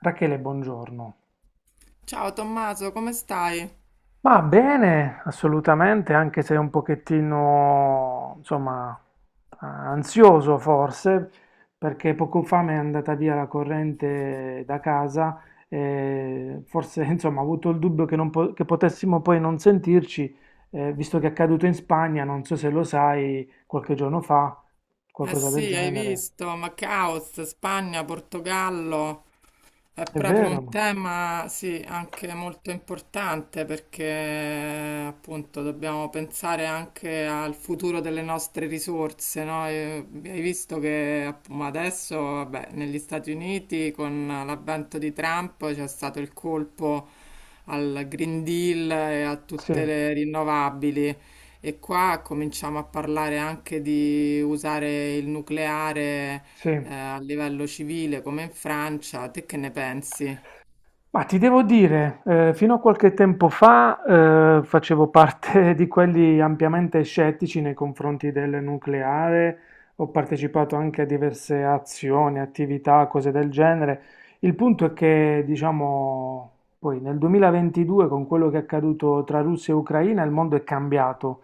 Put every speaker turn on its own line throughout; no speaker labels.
Rachele, buongiorno.
Ciao Tommaso, come stai?
Ma bene, assolutamente, anche se un pochettino, insomma, ansioso forse, perché poco fa mi è andata via la corrente da casa e forse, insomma, ho avuto il dubbio che, non po- che potessimo poi non sentirci, visto che è accaduto in Spagna, non so se lo sai, qualche giorno fa,
Eh
qualcosa del
sì, hai
genere.
visto, ma caos, Spagna, Portogallo, è
È
proprio un
vero?
tema, sì, anche molto importante perché appunto dobbiamo pensare anche al futuro delle nostre risorse, no? E hai visto che app- ma adesso, vabbè, negli Stati Uniti con l'avvento di Trump c'è stato il colpo al Green Deal e a
Sì,
tutte le rinnovabili. E qua cominciamo a parlare anche di usare il nucleare
sì.
a livello civile come in Francia. Te che ne pensi?
Ma ti devo dire, fino a qualche tempo fa facevo parte di quelli ampiamente scettici nei confronti del nucleare, ho partecipato anche a diverse azioni, attività, cose del genere. Il punto è che, diciamo, poi nel 2022, con quello che è accaduto tra Russia e Ucraina, il mondo è cambiato.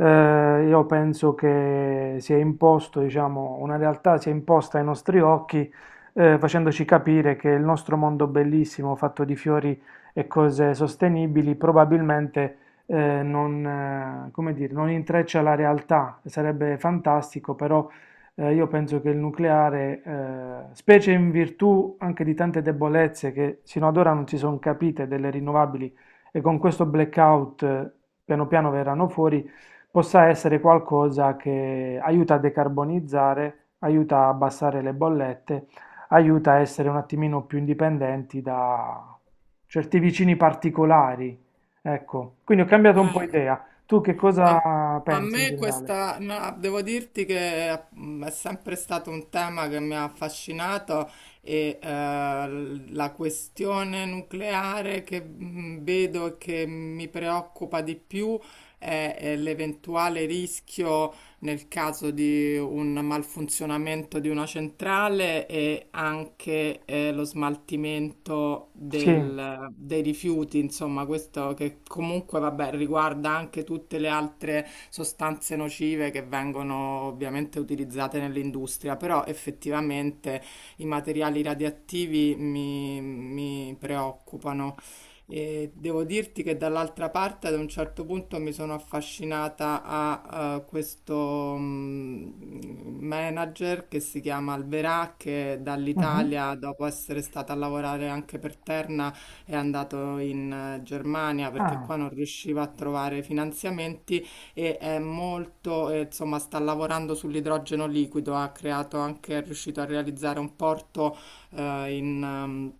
Io penso che si è imposto, diciamo, una realtà si è imposta ai nostri occhi facendoci capire che il nostro mondo bellissimo, fatto di fiori e cose sostenibili, probabilmente non, come dire, non intreccia la realtà. Sarebbe fantastico, però io penso che il nucleare, specie in virtù anche di tante debolezze che sino ad ora non si sono capite delle rinnovabili e con questo blackout piano piano verranno fuori, possa essere qualcosa che aiuta a decarbonizzare, aiuta a abbassare le bollette, aiuta a essere un attimino più indipendenti da certi vicini particolari. Ecco, quindi ho cambiato un po'
Eh,
idea. Tu che
A,
cosa
a
pensi in
me
generale?
questa, no, devo dirti che è sempre stato un tema che mi ha affascinato e la questione nucleare che vedo e che mi preoccupa di più è l'eventuale rischio nel caso di un malfunzionamento di una centrale e anche lo smaltimento
Sì.
dei rifiuti, insomma, questo che comunque, vabbè, riguarda anche tutte le altre sostanze nocive che vengono ovviamente utilizzate nell'industria, però effettivamente i materiali radioattivi mi preoccupano. E devo dirti che dall'altra parte ad un certo punto mi sono affascinata a questo manager che si chiama Alverà, che
Mhm.
dall'Italia, dopo essere stata a lavorare anche per Terna, è andato in Germania perché
Ah,
qua non riusciva a trovare finanziamenti è molto, insomma, sta lavorando sull'idrogeno liquido, ha creato anche, è riuscito a realizzare un porto eh, in, ehm,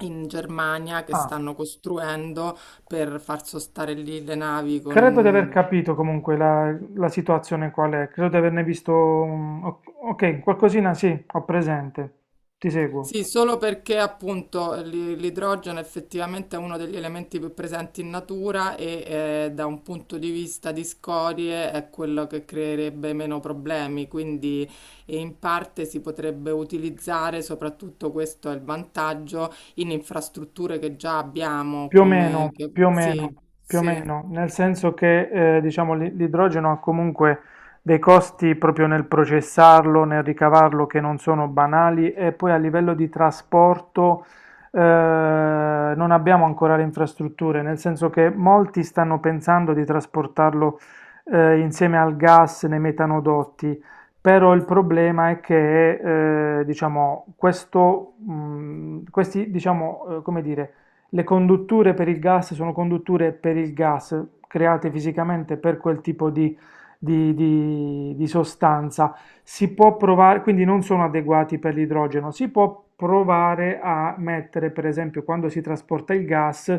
in Germania che
ah.
stanno costruendo per far sostare lì le navi
Credo di aver
con...
capito comunque la situazione qual è. Credo di averne visto ok, qualcosina sì, ho presente. Ti seguo.
Sì, solo perché appunto l'idrogeno effettivamente è uno degli elementi più presenti in natura e da un punto di vista di scorie è quello che creerebbe meno problemi, quindi e in parte si potrebbe utilizzare, soprattutto questo è il vantaggio, in infrastrutture che già abbiamo,
Più o
come...
meno,
Che...
più o
Sì,
meno, più o
sì.
meno, nel senso che diciamo l'idrogeno ha comunque dei costi proprio nel processarlo, nel ricavarlo che non sono banali, e poi a livello di trasporto eh, non abbiamo ancora le infrastrutture, nel senso che molti stanno pensando di trasportarlo insieme al gas nei metanodotti, però il problema è che diciamo, questi diciamo, come dire, le condutture per il gas sono condutture per il gas create fisicamente per quel tipo di, sostanza. Si può provare, quindi non sono adeguati per l'idrogeno. Si può provare a mettere, per esempio, quando si trasporta il gas,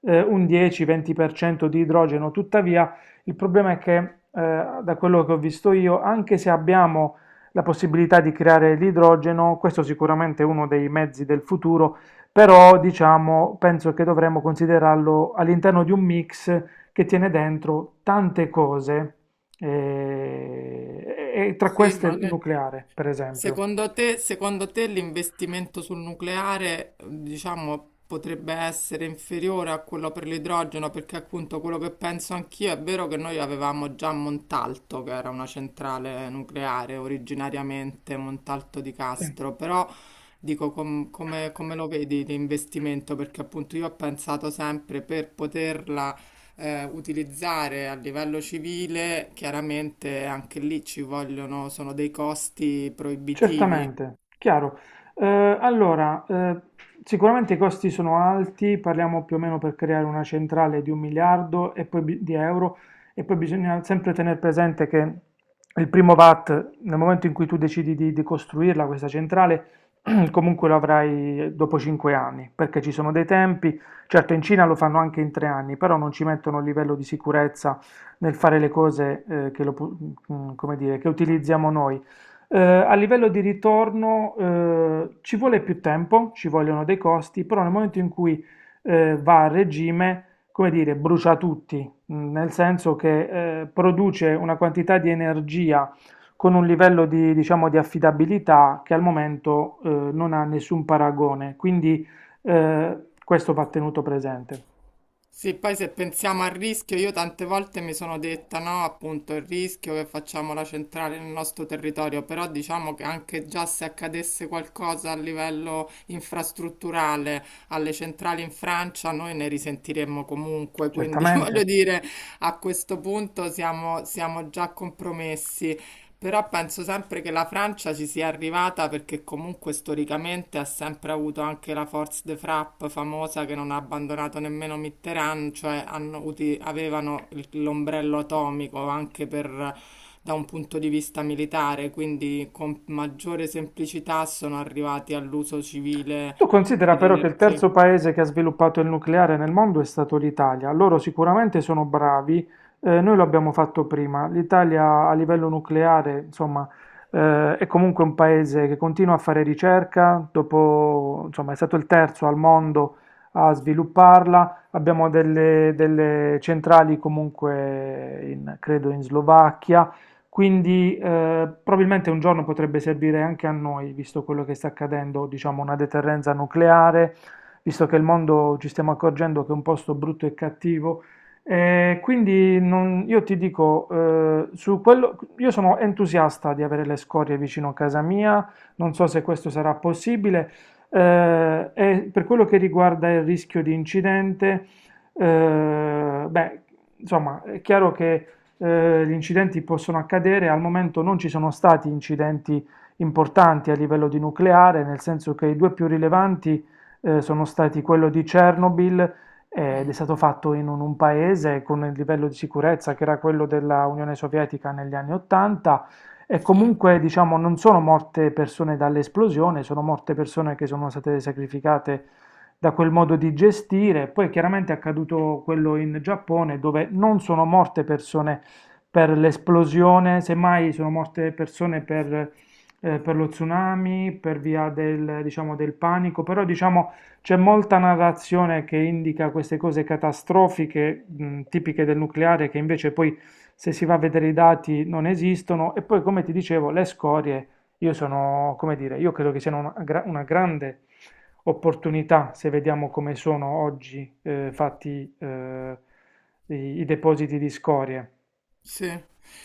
un 10-20% di idrogeno. Tuttavia, il problema è che, da quello che ho visto io, anche se abbiamo la possibilità di creare l'idrogeno, questo sicuramente è uno dei mezzi del futuro, però, diciamo, penso che dovremmo considerarlo all'interno di un mix che tiene dentro tante cose, e tra
Sì,
queste
ma
il
ne-
nucleare, per esempio.
secondo te l'investimento sul nucleare, diciamo, potrebbe essere inferiore a quello per l'idrogeno? Perché appunto quello che penso anch'io è vero che noi avevamo già Montalto, che era una centrale nucleare originariamente, Montalto di
Sì.
Castro, però dico come lo vedi l'investimento? Perché appunto io ho pensato sempre per poterla utilizzare a livello civile, chiaramente anche lì ci vogliono, sono dei costi proibitivi.
Certamente, chiaro. Eh, allora, sicuramente i costi sono alti, parliamo più o meno per creare una centrale di un miliardo e poi di euro, e poi bisogna sempre tenere presente che il primo VAT, nel momento in cui tu decidi di costruirla questa centrale, comunque lo avrai dopo 5 anni, perché ci sono dei tempi, certo in Cina lo fanno anche in 3 anni, però non ci mettono il livello di sicurezza nel fare le cose che, lo pu- mm, come dire, che utilizziamo noi. A livello di ritorno ci vuole più tempo, ci vogliono dei costi, però nel momento in cui va a regime, come dire, brucia tutti, nel senso che produce una quantità di energia con un livello di, diciamo, di affidabilità che al momento non ha nessun paragone, quindi eh, questo va tenuto presente.
Sì, poi se pensiamo al rischio, io tante volte mi sono detta no, appunto il rischio che facciamo la centrale nel nostro territorio, però diciamo che anche già se accadesse qualcosa a livello infrastrutturale alle centrali in Francia, noi ne risentiremmo comunque, quindi
Certamente.
voglio dire, a questo punto siamo già compromessi. Però penso sempre che la Francia ci sia arrivata perché comunque storicamente ha sempre avuto anche la Force de Frappe famosa che non ha abbandonato nemmeno Mitterrand, cioè avevano l'ombrello atomico anche per, da un punto di vista militare, quindi con maggiore semplicità sono arrivati all'uso civile
Tu considera però che il
dell'energia.
terzo paese che ha sviluppato il nucleare nel mondo è stato l'Italia. Loro sicuramente sono bravi, noi lo abbiamo fatto prima. L'Italia a livello nucleare, insomma, è comunque un paese che continua a fare ricerca, dopo, insomma, è stato il terzo al mondo a svilupparla. Abbiamo delle, centrali comunque credo in Slovacchia. Quindi probabilmente un giorno potrebbe servire anche a noi, visto quello che sta accadendo, diciamo una deterrenza nucleare, visto che il mondo ci stiamo accorgendo che è un posto brutto e cattivo. Io ti dico, su quello, io sono entusiasta di avere le scorie vicino a casa mia, non so se questo sarà possibile. E per quello che riguarda il rischio di incidente, beh, insomma, è chiaro che gli incidenti possono accadere, al momento non ci sono stati incidenti importanti a livello di nucleare, nel senso che i due più rilevanti sono stati quello di Chernobyl, ed è
Mm,
stato fatto in un paese con il livello di sicurezza che era quello della Unione Sovietica negli anni 80, e
sì.
comunque diciamo non sono morte persone dall'esplosione, sono morte persone che sono state sacrificate da quel modo di gestire. Poi chiaramente è accaduto quello in Giappone dove non sono morte persone per l'esplosione, semmai sono morte persone per, per lo tsunami, per via del, diciamo, del panico, però diciamo c'è molta narrazione che indica queste cose catastrofiche, tipiche del nucleare, che invece poi se si va a vedere i dati non esistono. E poi, come ti dicevo, le scorie, io sono, come dire, io credo che siano una grande opportunità se vediamo come sono oggi fatti i, i depositi di scorie.
Sì.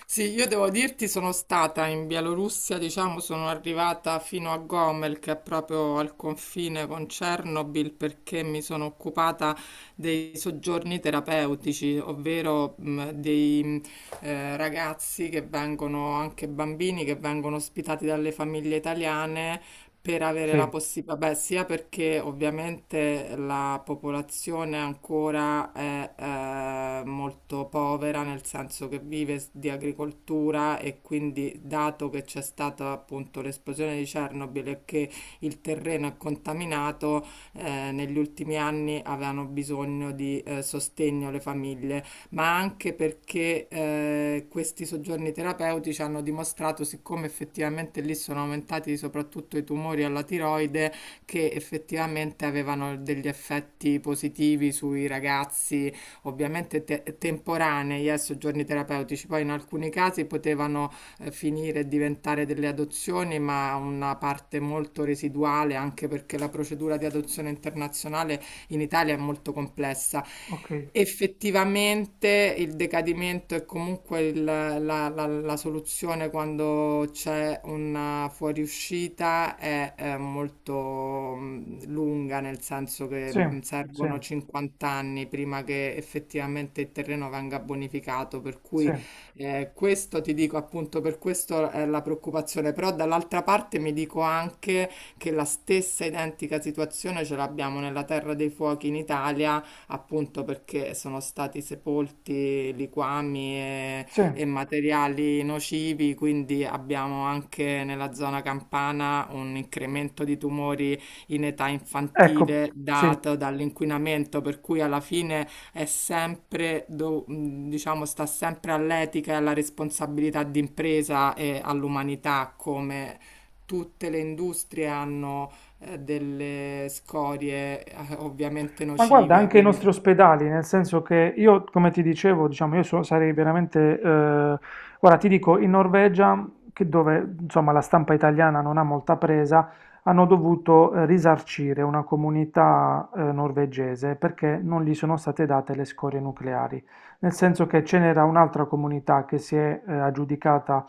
Sì, io devo dirti, sono stata in Bielorussia, diciamo, sono arrivata fino a Gomel, che è proprio al confine con Chernobyl, perché mi sono occupata dei soggiorni terapeutici, ovvero dei ragazzi che vengono, anche bambini che vengono ospitati dalle famiglie italiane per avere la
Sì,
possibilità, beh, sia perché ovviamente la popolazione ancora è molto povera, nel senso che vive s- di agricoltura e quindi dato che c'è stata appunto l'esplosione di Chernobyl e che il terreno è contaminato, negli ultimi anni avevano bisogno di sostegno le famiglie ma anche perché questi soggiorni terapeutici hanno dimostrato, siccome effettivamente lì sono aumentati soprattutto i tumori alla tiroide, che effettivamente avevano degli effetti positivi sui ragazzi, ovviamente te- temporanei, soggiorni terapeutici. Poi in alcuni casi potevano finire e diventare delle adozioni, ma una parte molto residuale, anche perché la procedura di adozione internazionale in Italia è molto complessa.
okay.
Effettivamente il decadimento è comunque la soluzione quando c'è una fuoriuscita è, molto lunga, nel senso che
Sì, sì,
servono 50 anni prima che effettivamente il terreno venga bonificato, per
sì,
cui questo ti dico appunto, per questo è la preoccupazione, però dall'altra parte mi dico anche che la stessa identica situazione ce l'abbiamo nella Terra dei Fuochi in Italia, appunto perché sono stati sepolti liquami
sì,
e materiali nocivi, quindi abbiamo anche nella zona campana un incremento di tumori in età
ecco,
infantile
sì.
dato dall'inquinamento, per cui alla fine è sempre, diciamo, sta sempre all'etica e alla responsabilità d'impresa e all'umanità, come tutte le industrie hanno delle scorie ovviamente
Ma guarda
nocive,
anche i nostri
quindi...
ospedali, nel senso che io come ti dicevo, diciamo, io sarei veramente, guarda ti dico in Norvegia, che dove insomma la stampa italiana non ha molta presa, hanno dovuto, risarcire una comunità, norvegese, perché non gli sono state date le scorie nucleari. Nel senso che ce n'era un'altra comunità che si è, aggiudicata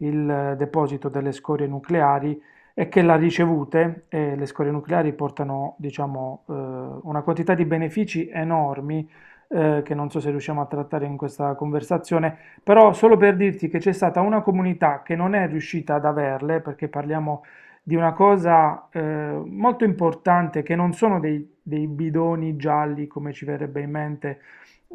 il deposito delle scorie nucleari, è che la ricevute, le scorie nucleari portano, diciamo, una quantità di benefici enormi, che non so se riusciamo a trattare in questa conversazione, però solo per dirti che c'è stata una comunità che non è riuscita ad averle, perché parliamo di una cosa molto importante, che non sono dei bidoni gialli, come ci verrebbe in mente,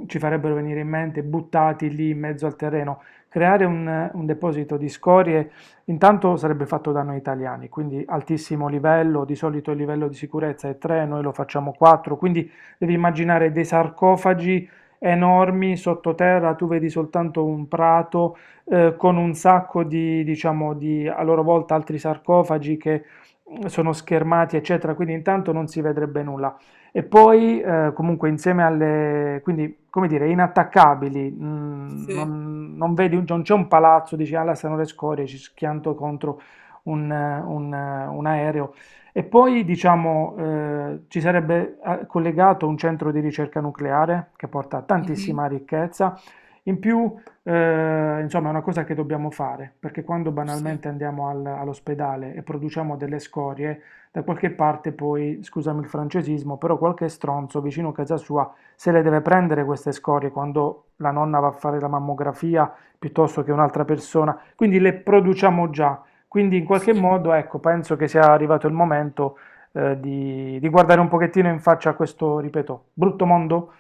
ci farebbero venire in mente, buttati lì in mezzo al terreno. Creare un deposito di scorie. Intanto sarebbe fatto da noi italiani, quindi altissimo livello, di solito il livello di sicurezza è 3, noi lo facciamo 4, quindi devi immaginare dei sarcofagi enormi sottoterra, tu vedi soltanto un prato con un sacco di, diciamo, di a loro volta altri sarcofagi che sono schermati, eccetera, quindi intanto non si vedrebbe nulla. E poi comunque insieme alle, quindi come dire, inattaccabili,
Sì,
non, non vedi, non c'è un palazzo, dici, alla stanno le scorie, ci schianto contro un aereo. E poi diciamo ci sarebbe collegato un centro di ricerca nucleare che porta
mhm,
tantissima ricchezza. In più, insomma, è una cosa che dobbiamo fare, perché quando
sì,
banalmente andiamo all'ospedale e produciamo delle scorie, da qualche parte poi, scusami il francesismo, però qualche stronzo vicino a casa sua se le deve prendere queste scorie quando la nonna va a fare la mammografia piuttosto che un'altra persona, quindi le produciamo già. Quindi in qualche
sì,
modo, ecco, penso che sia arrivato il momento di guardare un pochettino in faccia a questo, ripeto, brutto mondo,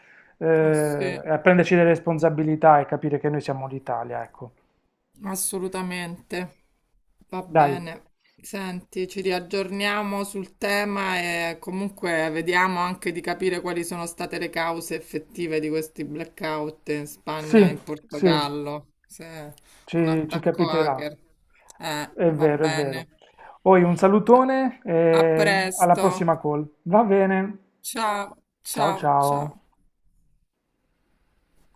ah, sì.
e prenderci delle responsabilità e capire che noi siamo l'Italia, ecco.
Assolutamente. Va
Dai.
bene. Senti, ci riaggiorniamo sul tema e comunque vediamo anche di capire quali sono state le cause effettive di questi blackout in Spagna e
Sì,
in
sì.
Portogallo. Se è un
Ci
attacco
capiterà.
hacker.
È
Va
vero, è vero.
bene.
Poi un salutone
A
e alla
presto.
prossima call. Va bene.
Ciao,
Ciao
ciao,
ciao.
ciao.